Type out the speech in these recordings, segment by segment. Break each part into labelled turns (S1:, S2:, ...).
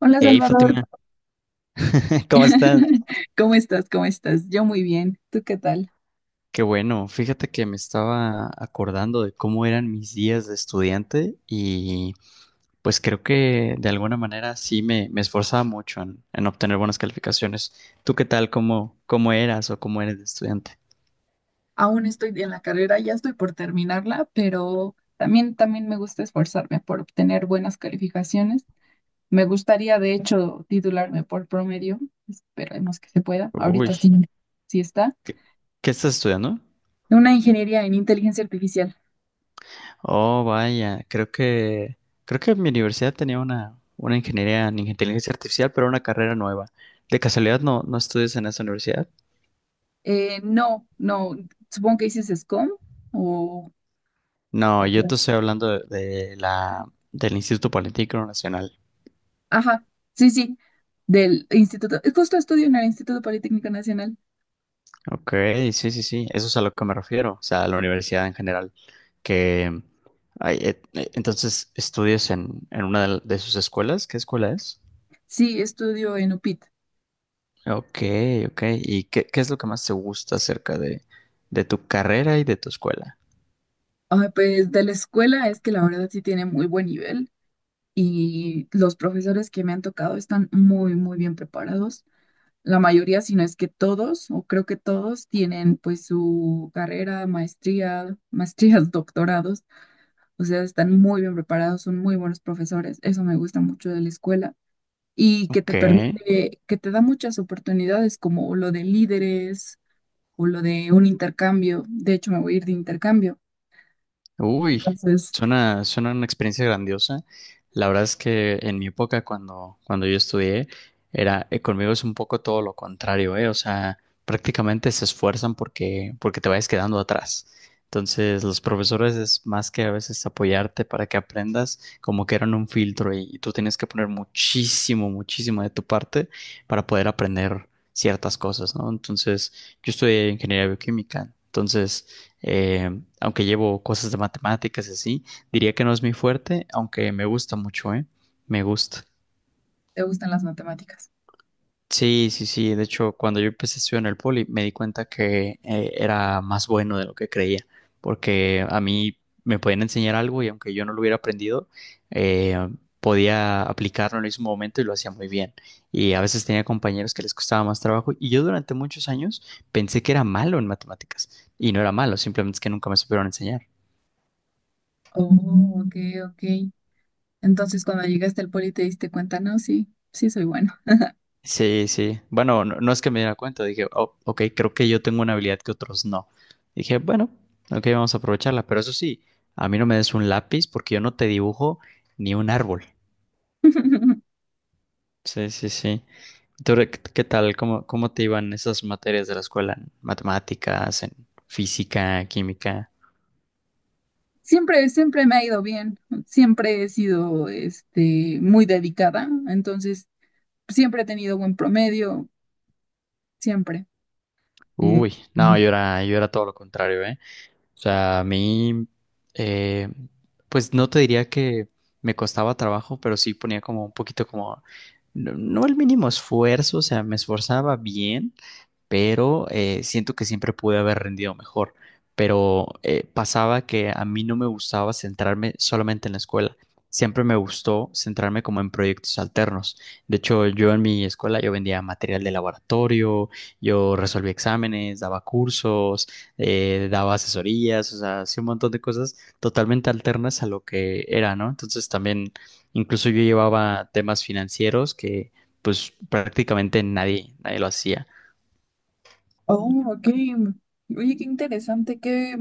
S1: Hola
S2: Hey
S1: Salvador,
S2: Fátima, ¿cómo estás?
S1: ¿cómo estás? ¿Cómo estás? Yo muy bien, ¿tú qué tal?
S2: Qué bueno, fíjate que me estaba acordando de cómo eran mis días de estudiante y pues creo que de alguna manera sí me esforzaba mucho en obtener buenas calificaciones. ¿Tú qué tal? ¿Cómo eras o cómo eres de estudiante?
S1: Aún estoy en la carrera, ya estoy por terminarla, pero también me gusta esforzarme por obtener buenas calificaciones. Me gustaría, de hecho, titularme por promedio, esperemos que se pueda,
S2: Uy,
S1: ahorita sí, sí está.
S2: ¿qué, qué estás estudiando?
S1: Una ingeniería en inteligencia artificial.
S2: Oh, vaya, creo que mi universidad tenía una ingeniería en inteligencia artificial, pero una carrera nueva. ¿De casualidad no estudias en esa universidad?
S1: No, no, supongo que dices SCOM o...
S2: No, yo
S1: o-
S2: te estoy hablando del Instituto Politécnico Nacional.
S1: Ajá, sí, sí, del instituto, justo estudio en el Instituto Politécnico Nacional.
S2: Ok, sí, sí, sí, eso es a lo que me refiero, o sea, a la universidad en general, que ay, entonces estudias en una de sus escuelas, ¿qué escuela es?
S1: Sí, estudio en UPIT.
S2: Ok, ok, ¿y qué es lo que más te gusta acerca de tu carrera y de tu escuela?
S1: Ah, pues de la escuela es que la verdad sí tiene muy buen nivel y los profesores que me han tocado están muy, muy bien preparados. La mayoría, si no es que todos, o creo que todos, tienen pues su carrera, maestría, maestrías, doctorados. O sea, están muy bien preparados, son muy buenos profesores. Eso me gusta mucho de la escuela y que te
S2: Ok.
S1: permite, que te da muchas oportunidades como lo de líderes o lo de un intercambio. De hecho, me voy a ir de intercambio.
S2: Uy,
S1: Entonces,
S2: suena una experiencia grandiosa. La verdad es que en mi época, cuando yo estudié, conmigo es un poco todo lo contrario, ¿eh? O sea, prácticamente se esfuerzan porque te vayas quedando atrás. Entonces, los profesores es más que a veces apoyarte para que aprendas, como que eran un filtro y tú tienes que poner muchísimo, muchísimo de tu parte para poder aprender ciertas cosas, ¿no? Entonces, yo estudié ingeniería bioquímica, entonces... Aunque llevo cosas de matemáticas y así, diría que no es mi fuerte, aunque me gusta mucho, ¿eh? Me gusta.
S1: ¿te gustan las matemáticas?
S2: Sí, sí, sí. De hecho, cuando yo empecé a estudiar en el poli, me di cuenta que era más bueno de lo que creía, porque a mí me podían enseñar algo y aunque yo no lo hubiera aprendido, eh, podía aplicarlo en el mismo momento y lo hacía muy bien. Y a veces tenía compañeros que les costaba más trabajo y yo durante muchos años pensé que era malo en matemáticas y no era malo, simplemente es que nunca me supieron enseñar.
S1: Oh, ok, ok. Entonces, cuando llegaste al poli te diste cuenta, no, sí, sí soy bueno.
S2: Sí, sí. Bueno, no, no es que me diera cuenta. Dije, oh, ok, creo que yo tengo una habilidad que otros no. Dije, bueno, ok, vamos a aprovecharla. Pero eso sí, a mí no me des un lápiz porque yo no te dibujo ni un árbol. Sí, sí, sí. ¿Tú qué tal? ¿Cómo te iban esas materias de la escuela? ¿En matemáticas, en física, química?
S1: Siempre, siempre me ha ido bien. Siempre he sido, este, muy dedicada. Entonces, siempre he tenido buen promedio, siempre. Este,
S2: Uy, no, yo era todo lo contrario, ¿eh? O sea, a mí, eh, pues no te diría que me costaba trabajo, pero sí ponía como un poquito como, no, no el mínimo esfuerzo, o sea, me esforzaba bien, pero siento que siempre pude haber rendido mejor. Pero pasaba que a mí no me gustaba centrarme solamente en la escuela. Siempre me gustó centrarme como en proyectos alternos. De hecho, yo en mi escuela yo vendía material de laboratorio, yo resolvía exámenes, daba cursos, daba asesorías, o sea, hacía un montón de cosas totalmente alternas a lo que era, ¿no? Entonces también, incluso yo llevaba temas financieros que pues prácticamente nadie lo hacía.
S1: oh, ok. Oye, qué interesante. ¿Qué,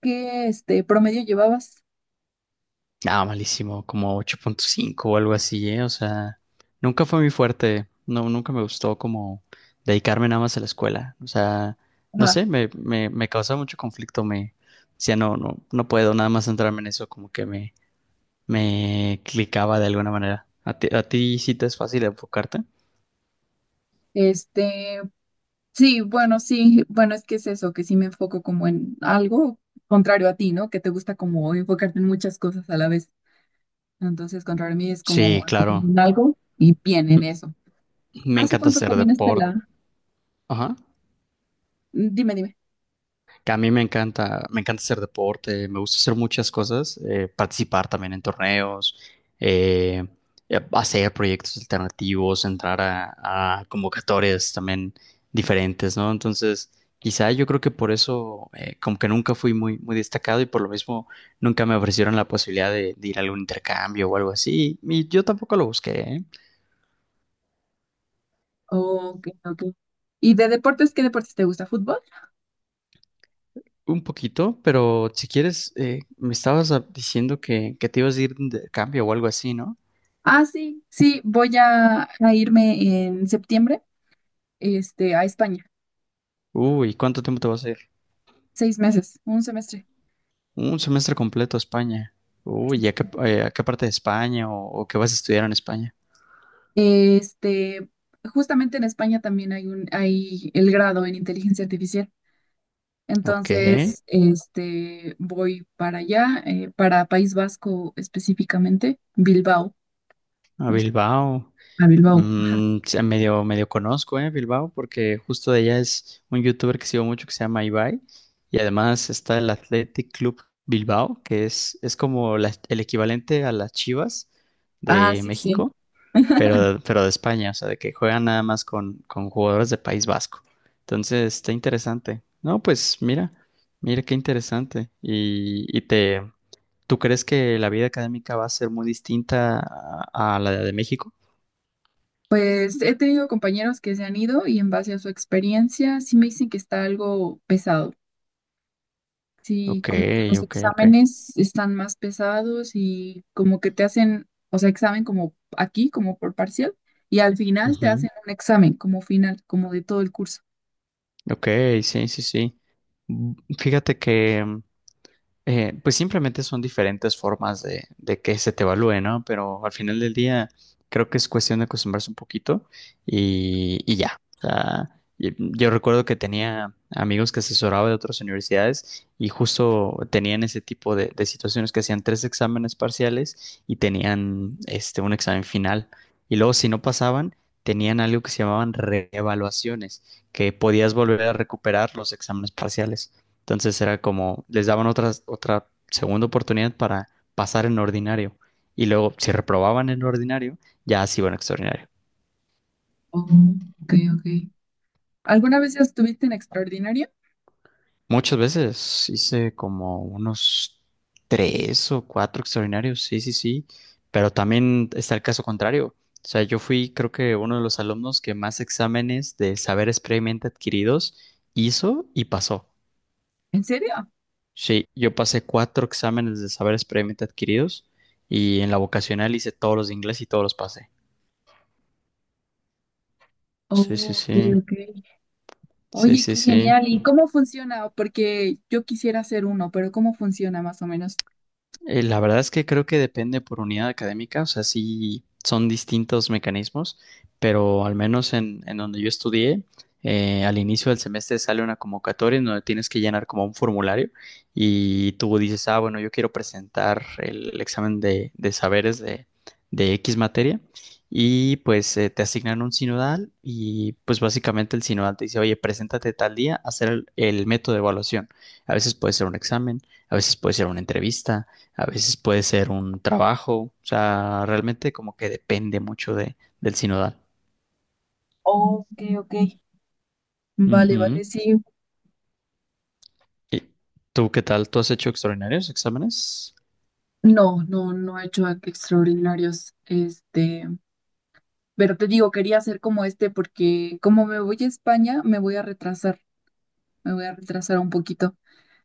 S1: qué, este, promedio llevabas?
S2: Ah, malísimo, como 8.5 o algo así, ¿eh? O sea, nunca fue muy fuerte, no, nunca me gustó como dedicarme nada más a la escuela, o sea, no
S1: Ajá.
S2: sé, me causaba mucho conflicto, me decía, no, no, no puedo nada más centrarme en eso, como que me clicaba de alguna manera. ¿A ti sí te es fácil enfocarte?
S1: Este, Sí, bueno, sí, bueno, es que es eso, que sí me enfoco como en algo contrario a ti, ¿no? Que te gusta como enfocarte en muchas cosas a la vez. Entonces, contrario a mí es
S2: Sí,
S1: como enfocarme
S2: claro,
S1: en algo y bien en eso.
S2: me
S1: ¿Hace
S2: encanta
S1: cuánto
S2: hacer
S1: terminaste
S2: deporte,
S1: la...?
S2: ajá.
S1: Mm, dime, dime.
S2: Que a mí me encanta hacer deporte, me gusta hacer muchas cosas, participar también en torneos, eh, hacer proyectos alternativos, entrar a convocatorias también diferentes, ¿no? Entonces, quizá yo creo que por eso, como que nunca fui muy, muy destacado y por lo mismo nunca me ofrecieron la posibilidad de ir a algún intercambio o algo así. Y yo tampoco lo busqué, ¿eh?
S1: Ok, ok. ¿Y de deportes, qué deportes te gusta? ¿Fútbol?
S2: Un poquito, pero si quieres, me estabas diciendo que te ibas a ir de intercambio o algo así, ¿no?
S1: Ah, sí, sí, voy a irme en septiembre, este, a España.
S2: Uy, ¿cuánto tiempo te vas a ir?
S1: Seis meses, un semestre.
S2: Un semestre completo a España. Uy, ¿y a qué parte de España o qué vas a estudiar en España?
S1: Este, justamente en España también hay un, hay el grado en inteligencia artificial.
S2: Ok,
S1: Entonces, este, voy para allá, para País Vasco específicamente, Bilbao,
S2: a
S1: no sé,
S2: Bilbao.
S1: a Bilbao, ajá.
S2: Mm, sí, medio conozco, Bilbao, porque justo de allá es un youtuber que sigo mucho que se llama Ibai. Y además está el Athletic Club Bilbao, que es como el equivalente a las Chivas
S1: Ah,
S2: de
S1: sí, sí.
S2: México. pero, pero de España, o sea, de que juegan nada más con jugadores de País Vasco. Entonces, está interesante. No, pues mira qué interesante. ¿Tú crees que la vida académica va a ser muy distinta a la de México?
S1: Pues he tenido compañeros que se han ido y en base a su experiencia sí me dicen que está algo pesado. Sí,
S2: Ok,
S1: como que los
S2: ok, ok.
S1: exámenes están más pesados y como que te hacen, o sea, examen como aquí, como por parcial, y al final te
S2: Ujú.
S1: hacen un examen como final, como de todo el curso.
S2: Ok, sí, sí, sí. Fíjate que pues simplemente son diferentes formas de que se te evalúe, ¿no? Pero al final del día creo que es cuestión de acostumbrarse un poquito y ya. O sea, yo recuerdo que tenía amigos que asesoraba de otras universidades y justo tenían ese tipo de situaciones que hacían tres exámenes parciales y tenían un examen final. Y luego si no pasaban, tenían algo que se llamaban reevaluaciones, que podías volver a recuperar los exámenes parciales. Entonces era como, les daban otra segunda oportunidad para pasar en ordinario. Y luego, si reprobaban en ordinario, ya se iban a extraordinario.
S1: Oh, ok, ok. ¿Alguna vez ya estuviste en extraordinaria?
S2: Muchas veces hice como unos tres o cuatro extraordinarios, sí, sí, sí. Pero también está el caso contrario. O sea, yo fui, creo que uno de los alumnos que más exámenes de saberes previamente adquiridos hizo y pasó.
S1: ¿En serio?
S2: Sí, yo pasé cuatro exámenes de saberes previamente adquiridos y en la vocacional hice todos los de inglés y todos los pasé. Sí, sí,
S1: Oh, ok,
S2: sí,
S1: ok.
S2: sí,
S1: Oye,
S2: sí,
S1: qué
S2: sí.
S1: genial. ¿Y cómo funciona? Porque yo quisiera hacer uno, pero ¿cómo funciona más o menos?
S2: La verdad es que creo que depende por unidad académica, o sea, sí son distintos mecanismos, pero al menos en donde yo estudié, al inicio del semestre sale una convocatoria en donde tienes que llenar como un formulario y tú dices, ah, bueno, yo quiero presentar el examen de saberes de X materia y pues te asignan un sinodal y pues básicamente el sinodal te dice, oye, preséntate tal día a hacer el método de evaluación. A veces puede ser un examen, a veces puede ser una entrevista, a veces puede ser un trabajo, o sea, realmente como que depende mucho del sinodal.
S1: Oh, ok, ok. Vale,
S2: Ujú.
S1: vale, sí.
S2: ¿Y tú qué tal? ¿Tú has hecho extraordinarios exámenes?
S1: No, no, no he hecho extraordinarios. Este. Pero te digo, quería hacer como este porque como me voy a España, me voy a retrasar, me voy a retrasar un poquito.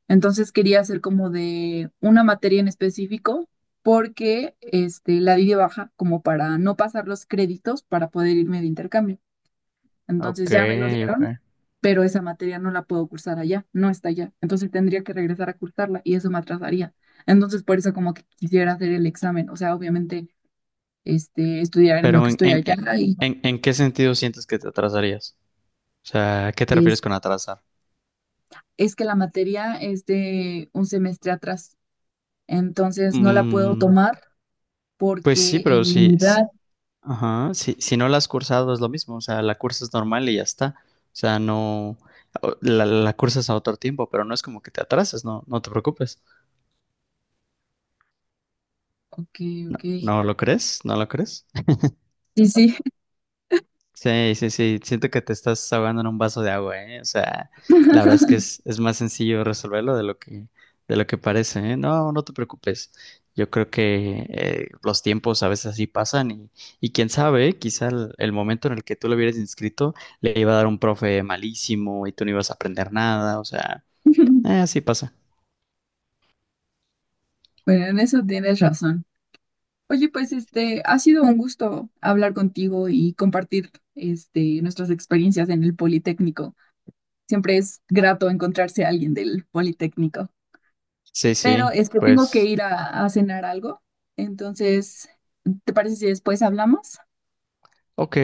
S1: Entonces quería hacer como de una materia en específico porque este, la di de baja como para no pasar los créditos para poder irme de intercambio.
S2: Ok,
S1: Entonces ya me lo dieron,
S2: ok.
S1: pero esa materia no la puedo cursar allá, no está allá. Entonces tendría que regresar a cursarla y eso me atrasaría. Entonces por eso como que quisiera hacer el examen, o sea, obviamente este, estudiar en lo
S2: Pero
S1: que estoy allá
S2: ¿en qué sentido sientes que te atrasarías? O sea, ¿a qué te
S1: y...
S2: refieres con atrasar?
S1: es que la materia es de un semestre atrás, entonces no la puedo
S2: Mm,
S1: tomar
S2: pues sí,
S1: porque
S2: pero
S1: en mi unidad,
S2: ajá, si no la has cursado es lo mismo, o sea, la cursas normal y ya está. O sea, no, la cursas a otro tiempo, pero no es como que te atrases, no, no te preocupes.
S1: ok,
S2: No,
S1: ok,
S2: ¿no lo crees? ¿No lo crees?
S1: sí, sí.
S2: Sí, sí, sí. Siento que te estás ahogando en un vaso de agua, ¿eh? O sea, la verdad es que es más sencillo resolverlo de lo que parece, ¿eh? No, no te preocupes. Yo creo que los tiempos a veces así pasan y quién sabe, quizá el momento en el que tú lo hubieras inscrito le iba a dar un profe malísimo y tú no ibas a aprender nada, o sea, así pasa.
S1: Bueno, en eso tienes razón. Oye, pues este, ha sido un gusto hablar contigo y compartir este, nuestras experiencias en el Politécnico. Siempre es grato encontrarse a alguien del Politécnico.
S2: Sí,
S1: Pero
S2: sí,
S1: es que tengo que
S2: pues,
S1: ir a cenar algo. Entonces, ¿te parece si después hablamos?
S2: ok,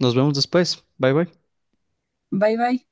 S2: nos vemos después. Bye, bye.
S1: Bye bye.